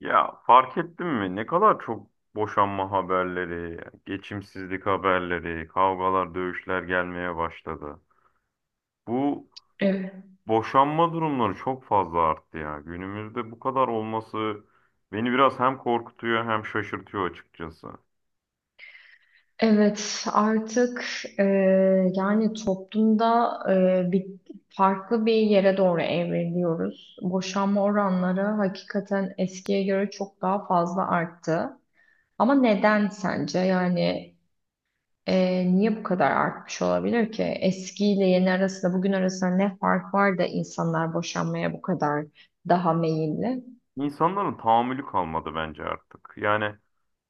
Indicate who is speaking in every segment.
Speaker 1: Ya, fark ettin mi? Ne kadar çok boşanma haberleri, geçimsizlik haberleri, kavgalar, dövüşler gelmeye başladı. Bu
Speaker 2: Evet,
Speaker 1: boşanma durumları çok fazla arttı ya. Günümüzde bu kadar olması beni biraz hem korkutuyor hem şaşırtıyor açıkçası.
Speaker 2: evet artık e, yani toplumda e, bir farklı bir yere doğru evriliyoruz. Boşanma oranları hakikaten eskiye göre çok daha fazla arttı. Ama neden sence? Niye bu kadar artmış olabilir ki? Eskiyle yeni arasında, bugün arasında ne fark var da insanlar boşanmaya bu kadar daha meyilli?
Speaker 1: İnsanların tahammülü kalmadı bence artık. Yani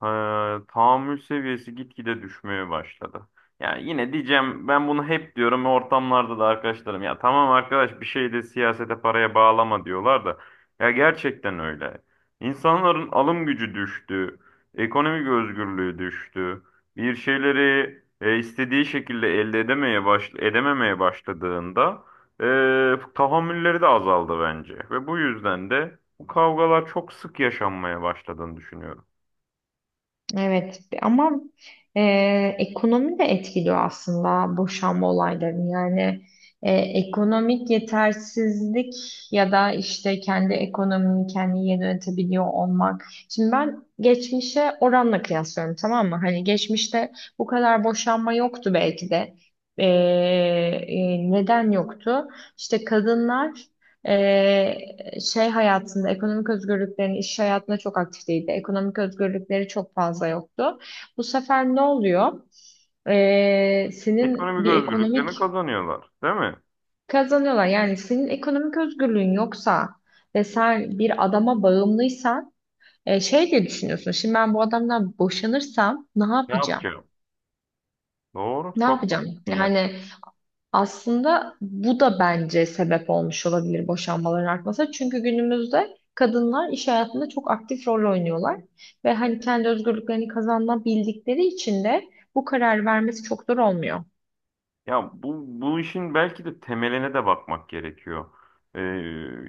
Speaker 1: Ee, tahammül seviyesi gitgide düşmeye başladı. Yani yine diyeceğim, ben bunu hep diyorum ortamlarda da. Arkadaşlarım, ya tamam arkadaş, bir şey de siyasete, paraya bağlama diyorlar da, ya gerçekten öyle. İnsanların alım gücü düştü, ekonomik özgürlüğü düştü. Bir şeyleri istediği şekilde elde edememeye başladığında tahammülleri de azaldı bence, ve bu yüzden de bu kavgalar çok sık yaşanmaya başladığını düşünüyorum.
Speaker 2: Evet ama e, ekonomi de etkiliyor aslında boşanma olaylarını. Yani ekonomik yetersizlik ya da işte kendi ekonomini kendi yönetebiliyor olmak. Şimdi ben geçmişe oranla kıyaslıyorum, tamam mı? Hani geçmişte bu kadar boşanma yoktu belki de. E, Neden yoktu? İşte kadınlar e, şey hayatında, ekonomik özgürlüklerin iş hayatında çok aktif değildi. Ekonomik özgürlükleri çok fazla yoktu. Bu sefer ne oluyor? Senin
Speaker 1: Ekonomik
Speaker 2: bir
Speaker 1: özgürlüklerini
Speaker 2: ekonomik
Speaker 1: kazanıyorlar, değil mi?
Speaker 2: kazanıyorlar. Yani senin ekonomik özgürlüğün yoksa ve sen bir adama bağımlıysan şey diye düşünüyorsun. Şimdi ben bu adamdan boşanırsam ne
Speaker 1: Ne
Speaker 2: yapacağım?
Speaker 1: yapacağım? Doğru,
Speaker 2: Ne
Speaker 1: çok
Speaker 2: yapacağım?
Speaker 1: haklısın ya.
Speaker 2: Yani aslında bu da bence sebep olmuş olabilir boşanmaların artmasına. Çünkü günümüzde kadınlar iş hayatında çok aktif rol oynuyorlar. Ve hani kendi özgürlüklerini kazanabildikleri için de bu karar vermesi çok zor olmuyor.
Speaker 1: Ya, bu işin belki de temeline de bakmak gerekiyor. Ee,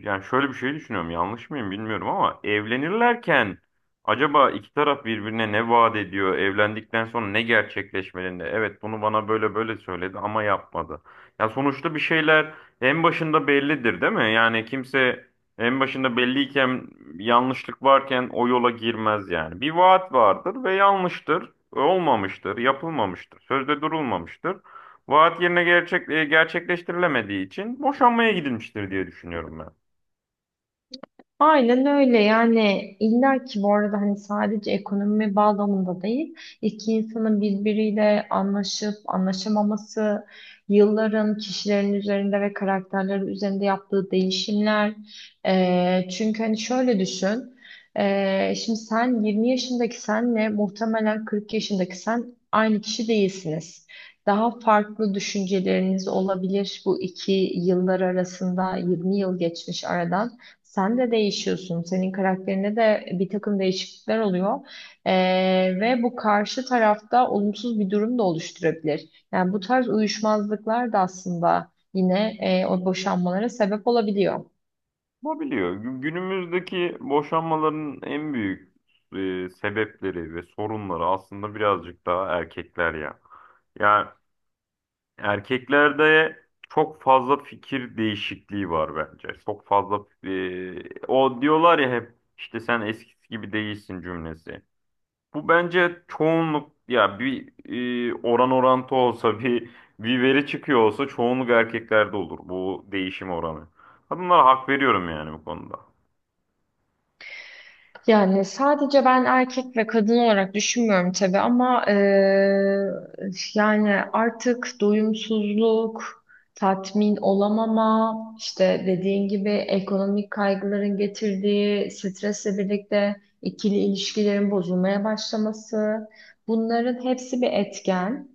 Speaker 1: yani, şöyle bir şey düşünüyorum, yanlış mıyım bilmiyorum ama evlenirlerken acaba iki taraf birbirine ne vaat ediyor, evlendikten sonra ne gerçekleşmelinde? Evet, bunu bana böyle böyle söyledi ama yapmadı. Ya sonuçta bir şeyler en başında bellidir, değil mi? Yani kimse en başında belliyken, yanlışlık varken o yola girmez yani. Bir vaat vardır ve yanlıştır, olmamıştır, yapılmamıştır, sözde durulmamıştır. Vaat yerine gerçekleştirilemediği için boşanmaya gidilmiştir diye düşünüyorum ben.
Speaker 2: Aynen öyle. Yani illa ki bu arada hani sadece ekonomi bağlamında değil, iki insanın birbiriyle anlaşıp anlaşamaması, yılların kişilerin üzerinde ve karakterleri üzerinde yaptığı değişimler. Çünkü hani şöyle düşün, şimdi sen 20 yaşındaki senle muhtemelen 40 yaşındaki sen aynı kişi değilsiniz. Daha farklı düşünceleriniz olabilir. Bu iki yıllar arasında 20 yıl geçmiş aradan. Sen de değişiyorsun. Senin karakterinde de bir takım değişiklikler oluyor. Ee, Ve bu karşı tarafta olumsuz bir durum da oluşturabilir. Yani bu tarz uyuşmazlıklar da aslında yine o boşanmalara sebep olabiliyor.
Speaker 1: Olabiliyor. Günümüzdeki boşanmaların en büyük sebepleri ve sorunları aslında birazcık daha erkekler ya. Ya, erkeklerde çok fazla fikir değişikliği var bence. Çok fazla, o diyorlar ya hep, işte sen eskisi gibi değilsin cümlesi. Bu bence çoğunluk ya, bir oran orantı olsa bir veri çıkıyor olsa, çoğunluk erkeklerde olur bu değişim oranı. Kadınlara hak veriyorum yani bu konuda.
Speaker 2: Yani sadece ben erkek ve kadın olarak düşünmüyorum tabii, ama yani artık doyumsuzluk, tatmin olamama, işte dediğin gibi ekonomik kaygıların getirdiği stresle birlikte ikili ilişkilerin bozulmaya başlaması, bunların hepsi bir etken.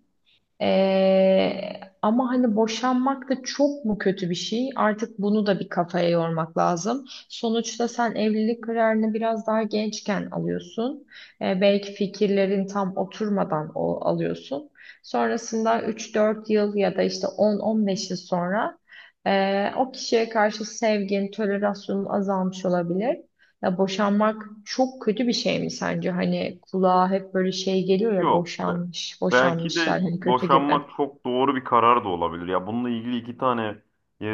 Speaker 2: Ee, Ama hani boşanmak da çok mu kötü bir şey? Artık bunu da bir kafaya yormak lazım. Sonuçta sen evlilik kararını biraz daha gençken alıyorsun. Belki fikirlerin tam oturmadan alıyorsun. Sonrasında üç dört yıl ya da işte on on beş yıl sonra o kişiye karşı sevgin, tolerasyonun azalmış olabilir. Ya boşanmak çok kötü bir şey mi sence? Hani kulağa hep böyle şey geliyor ya,
Speaker 1: Yok,
Speaker 2: boşanmış,
Speaker 1: belki de
Speaker 2: boşanmışlar hani kötü gibi.
Speaker 1: boşanmak çok doğru bir karar da olabilir. Ya bununla ilgili iki tane e,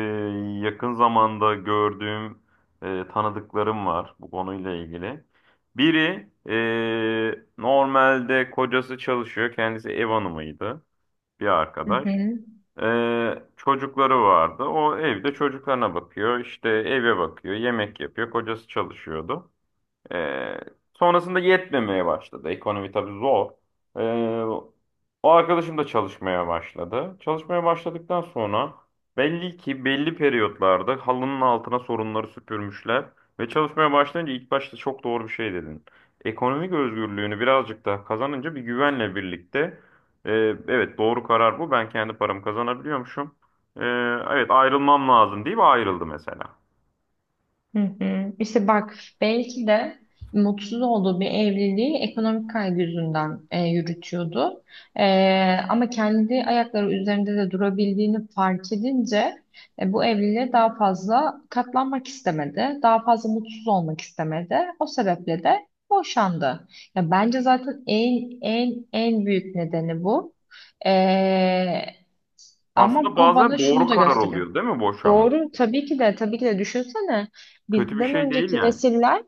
Speaker 1: yakın zamanda gördüğüm tanıdıklarım var bu konuyla ilgili. Biri, normalde kocası çalışıyor, kendisi ev hanımıydı, bir
Speaker 2: Hı
Speaker 1: arkadaş.
Speaker 2: hı.
Speaker 1: Çocukları vardı. O evde çocuklarına bakıyor, işte eve bakıyor, yemek yapıyor. Kocası çalışıyordu. Ee, sonrasında yetmemeye başladı. Ekonomi tabii zor. Ee, o arkadaşım da çalışmaya başladı. Çalışmaya başladıktan sonra belli ki belli periyotlarda halının altına sorunları süpürmüşler. Ve çalışmaya başlayınca, ilk başta çok doğru bir şey dedin. Ekonomik özgürlüğünü birazcık daha kazanınca, bir güvenle birlikte, e, evet doğru karar bu. Ben kendi paramı kazanabiliyormuşum. Ee, evet, ayrılmam lazım deyip ayrıldı mesela.
Speaker 2: Hı hı. İşte bak, belki de mutsuz olduğu bir evliliği ekonomik kaygı yüzünden yürütüyordu. E, Ama kendi ayakları üzerinde de durabildiğini fark edince bu evliliğe daha fazla katlanmak istemedi. Daha fazla mutsuz olmak istemedi. O sebeple de boşandı. Ya bence zaten en büyük nedeni bu. E,
Speaker 1: Aslında
Speaker 2: Ama bu
Speaker 1: bazen
Speaker 2: bana şunu
Speaker 1: doğru
Speaker 2: da
Speaker 1: karar
Speaker 2: gösteriyor.
Speaker 1: oluyor, değil mi boşanma?
Speaker 2: Doğru, tabii ki de tabii ki de. Düşünsene,
Speaker 1: Kötü bir
Speaker 2: bizden
Speaker 1: şey değil
Speaker 2: önceki
Speaker 1: yani.
Speaker 2: nesiller,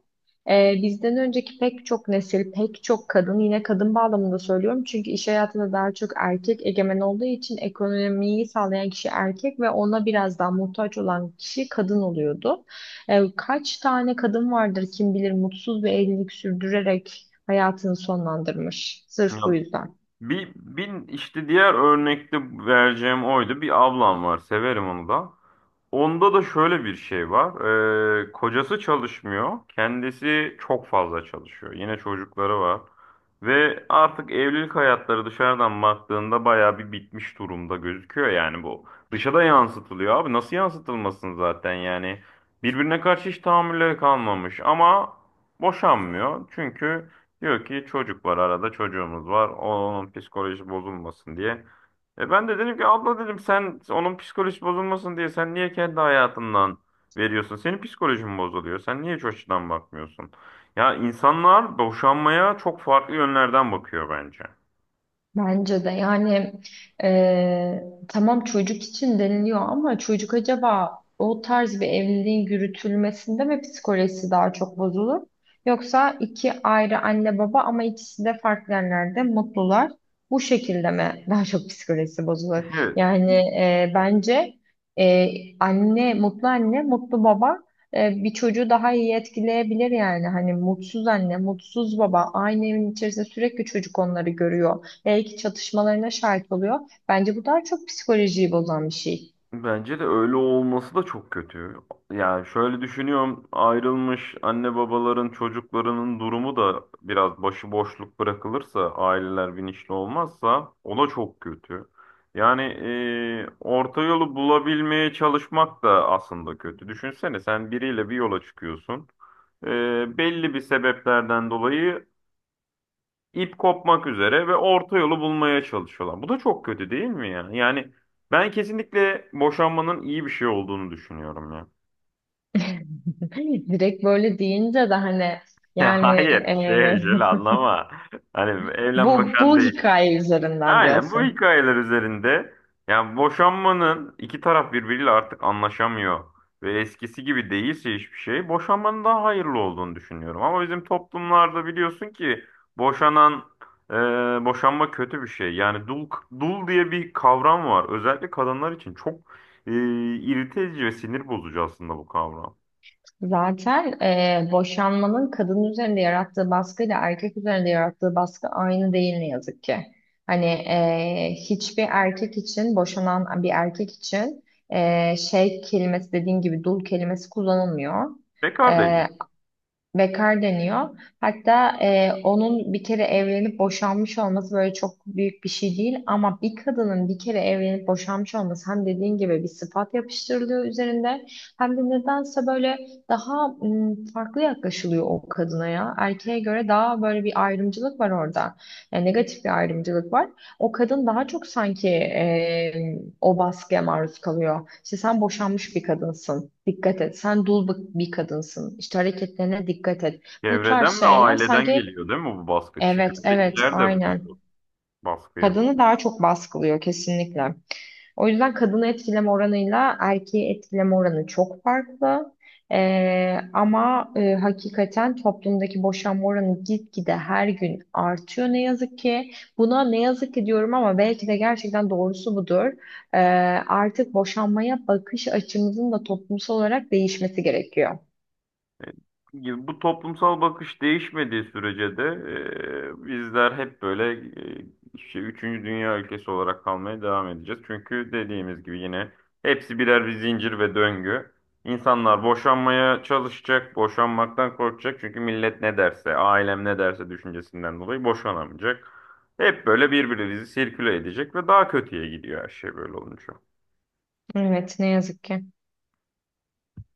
Speaker 2: bizden önceki pek çok nesil, pek çok kadın, yine kadın bağlamında söylüyorum çünkü iş hayatında daha çok erkek egemen olduğu için ekonomiyi sağlayan kişi erkek ve ona biraz daha muhtaç olan kişi kadın oluyordu. Kaç tane kadın vardır kim bilir, mutsuz bir evlilik sürdürerek hayatını sonlandırmış
Speaker 1: Ya
Speaker 2: sırf bu yüzden.
Speaker 1: bir işte diğer örnekte vereceğim oydu. Bir ablam var. Severim onu da. Onda da şöyle bir şey var. Kocası çalışmıyor. Kendisi çok fazla çalışıyor. Yine çocukları var. Ve artık evlilik hayatları, dışarıdan baktığında bayağı bir bitmiş durumda gözüküyor yani bu. Dışa da yansıtılıyor abi. Nasıl yansıtılmasın zaten yani. Birbirine karşı hiç tahammülleri kalmamış ama boşanmıyor. Çünkü diyor ki, çocuk var arada, çocuğumuz var. Onun psikoloji bozulmasın diye. Ben de dedim ki, abla dedim, sen onun psikoloji bozulmasın diye, sen niye kendi hayatından veriyorsun? Senin psikolojin bozuluyor. Sen niye hiç o açıdan bakmıyorsun? Ya, insanlar boşanmaya çok farklı yönlerden bakıyor bence.
Speaker 2: Bence de. Yani tamam, çocuk için deniliyor, ama çocuk acaba o tarz bir evliliğin yürütülmesinde mi psikolojisi daha çok bozulur? Yoksa iki ayrı anne baba ama ikisi de farklı yerlerde mutlular. Bu şekilde mi daha çok psikolojisi bozulur?
Speaker 1: Evet.
Speaker 2: Yani bence anne mutlu, anne mutlu, baba bir çocuğu daha iyi etkileyebilir yani. Hani mutsuz anne, mutsuz baba aynı evin içerisinde, sürekli çocuk onları görüyor, belki çatışmalarına şahit oluyor. Bence bu daha çok psikolojiyi bozan bir şey.
Speaker 1: Bence de öyle olması da çok kötü. Yani şöyle düşünüyorum, ayrılmış anne babaların çocuklarının durumu da, biraz başıboşluk bırakılırsa, aileler bilinçli olmazsa, o da çok kötü. Yani orta yolu bulabilmeye çalışmak da aslında kötü. Düşünsene, sen biriyle bir yola çıkıyorsun. E, belli bir sebeplerden dolayı İp kopmak üzere ve orta yolu bulmaya çalışıyorlar. Bu da çok kötü değil mi ya? Yani ben kesinlikle boşanmanın iyi bir şey olduğunu düşünüyorum ya.
Speaker 2: Direkt böyle deyince de hani,
Speaker 1: Ya,
Speaker 2: yani
Speaker 1: hayır,
Speaker 2: eee,
Speaker 1: şöyle anlama. Hani evlen
Speaker 2: bu
Speaker 1: boşan
Speaker 2: bu
Speaker 1: değil.
Speaker 2: hikaye üzerinden
Speaker 1: Aynen, bu
Speaker 2: diyorsun.
Speaker 1: hikayeler üzerinde, yani boşanmanın, iki taraf birbiriyle artık anlaşamıyor ve eskisi gibi değilse, hiçbir şey boşanmanın daha hayırlı olduğunu düşünüyorum. Ama bizim toplumlarda biliyorsun ki, boşanan e, boşanma kötü bir şey. Yani dul diye bir kavram var. Özellikle kadınlar için çok e, irite edici ve sinir bozucu aslında bu kavram.
Speaker 2: Zaten boşanmanın kadın üzerinde yarattığı baskıyla erkek üzerinde yarattığı baskı aynı değil, ne yazık ki. Hani hiçbir erkek için, boşanan bir erkek için şey kelimesi, dediğin gibi dul kelimesi kullanılmıyor.
Speaker 1: Bekar deniyor.
Speaker 2: Eee, Bekar deniyor. Hatta onun bir kere evlenip boşanmış olması böyle çok büyük bir şey değil. Ama bir kadının bir kere evlenip boşanmış olması, hem dediğin gibi bir sıfat yapıştırılıyor üzerinde, hem de nedense böyle daha farklı yaklaşılıyor o kadına ya. Erkeğe göre daha böyle bir ayrımcılık var orada. Yani negatif bir ayrımcılık var. O kadın daha çok sanki o baskıya maruz kalıyor. İşte sen boşanmış bir kadınsın. Dikkat et. Sen dul bir kadınsın. İşte hareketlerine dikkat et. Bu tarz
Speaker 1: Çevreden ve
Speaker 2: şeyler
Speaker 1: aileden
Speaker 2: sanki.
Speaker 1: geliyor değil mi bu baskı?
Speaker 2: Evet, evet,
Speaker 1: Çevredekiler de bunu,
Speaker 2: aynen.
Speaker 1: baskıyı
Speaker 2: Kadını daha çok baskılıyor kesinlikle. O yüzden kadını etkileme oranıyla erkeği etkileme oranı çok farklı. Ama hakikaten toplumdaki boşanma oranı gitgide her gün artıyor, ne yazık ki. Buna ne yazık ki diyorum ama belki de gerçekten doğrusu budur. Ee, Artık boşanmaya bakış açımızın da toplumsal olarak değişmesi gerekiyor.
Speaker 1: gibi, bu toplumsal bakış değişmediği sürece de, bizler hep böyle, işte üçüncü dünya ülkesi olarak kalmaya devam edeceğiz. Çünkü dediğimiz gibi yine, hepsi birer bir zincir ve döngü. İnsanlar boşanmaya çalışacak, boşanmaktan korkacak. Çünkü millet ne derse, ailem ne derse düşüncesinden dolayı boşanamayacak. Hep böyle birbirimizi sirküle edecek ve daha kötüye gidiyor her şey böyle olunca.
Speaker 2: Evet, ne yazık ki.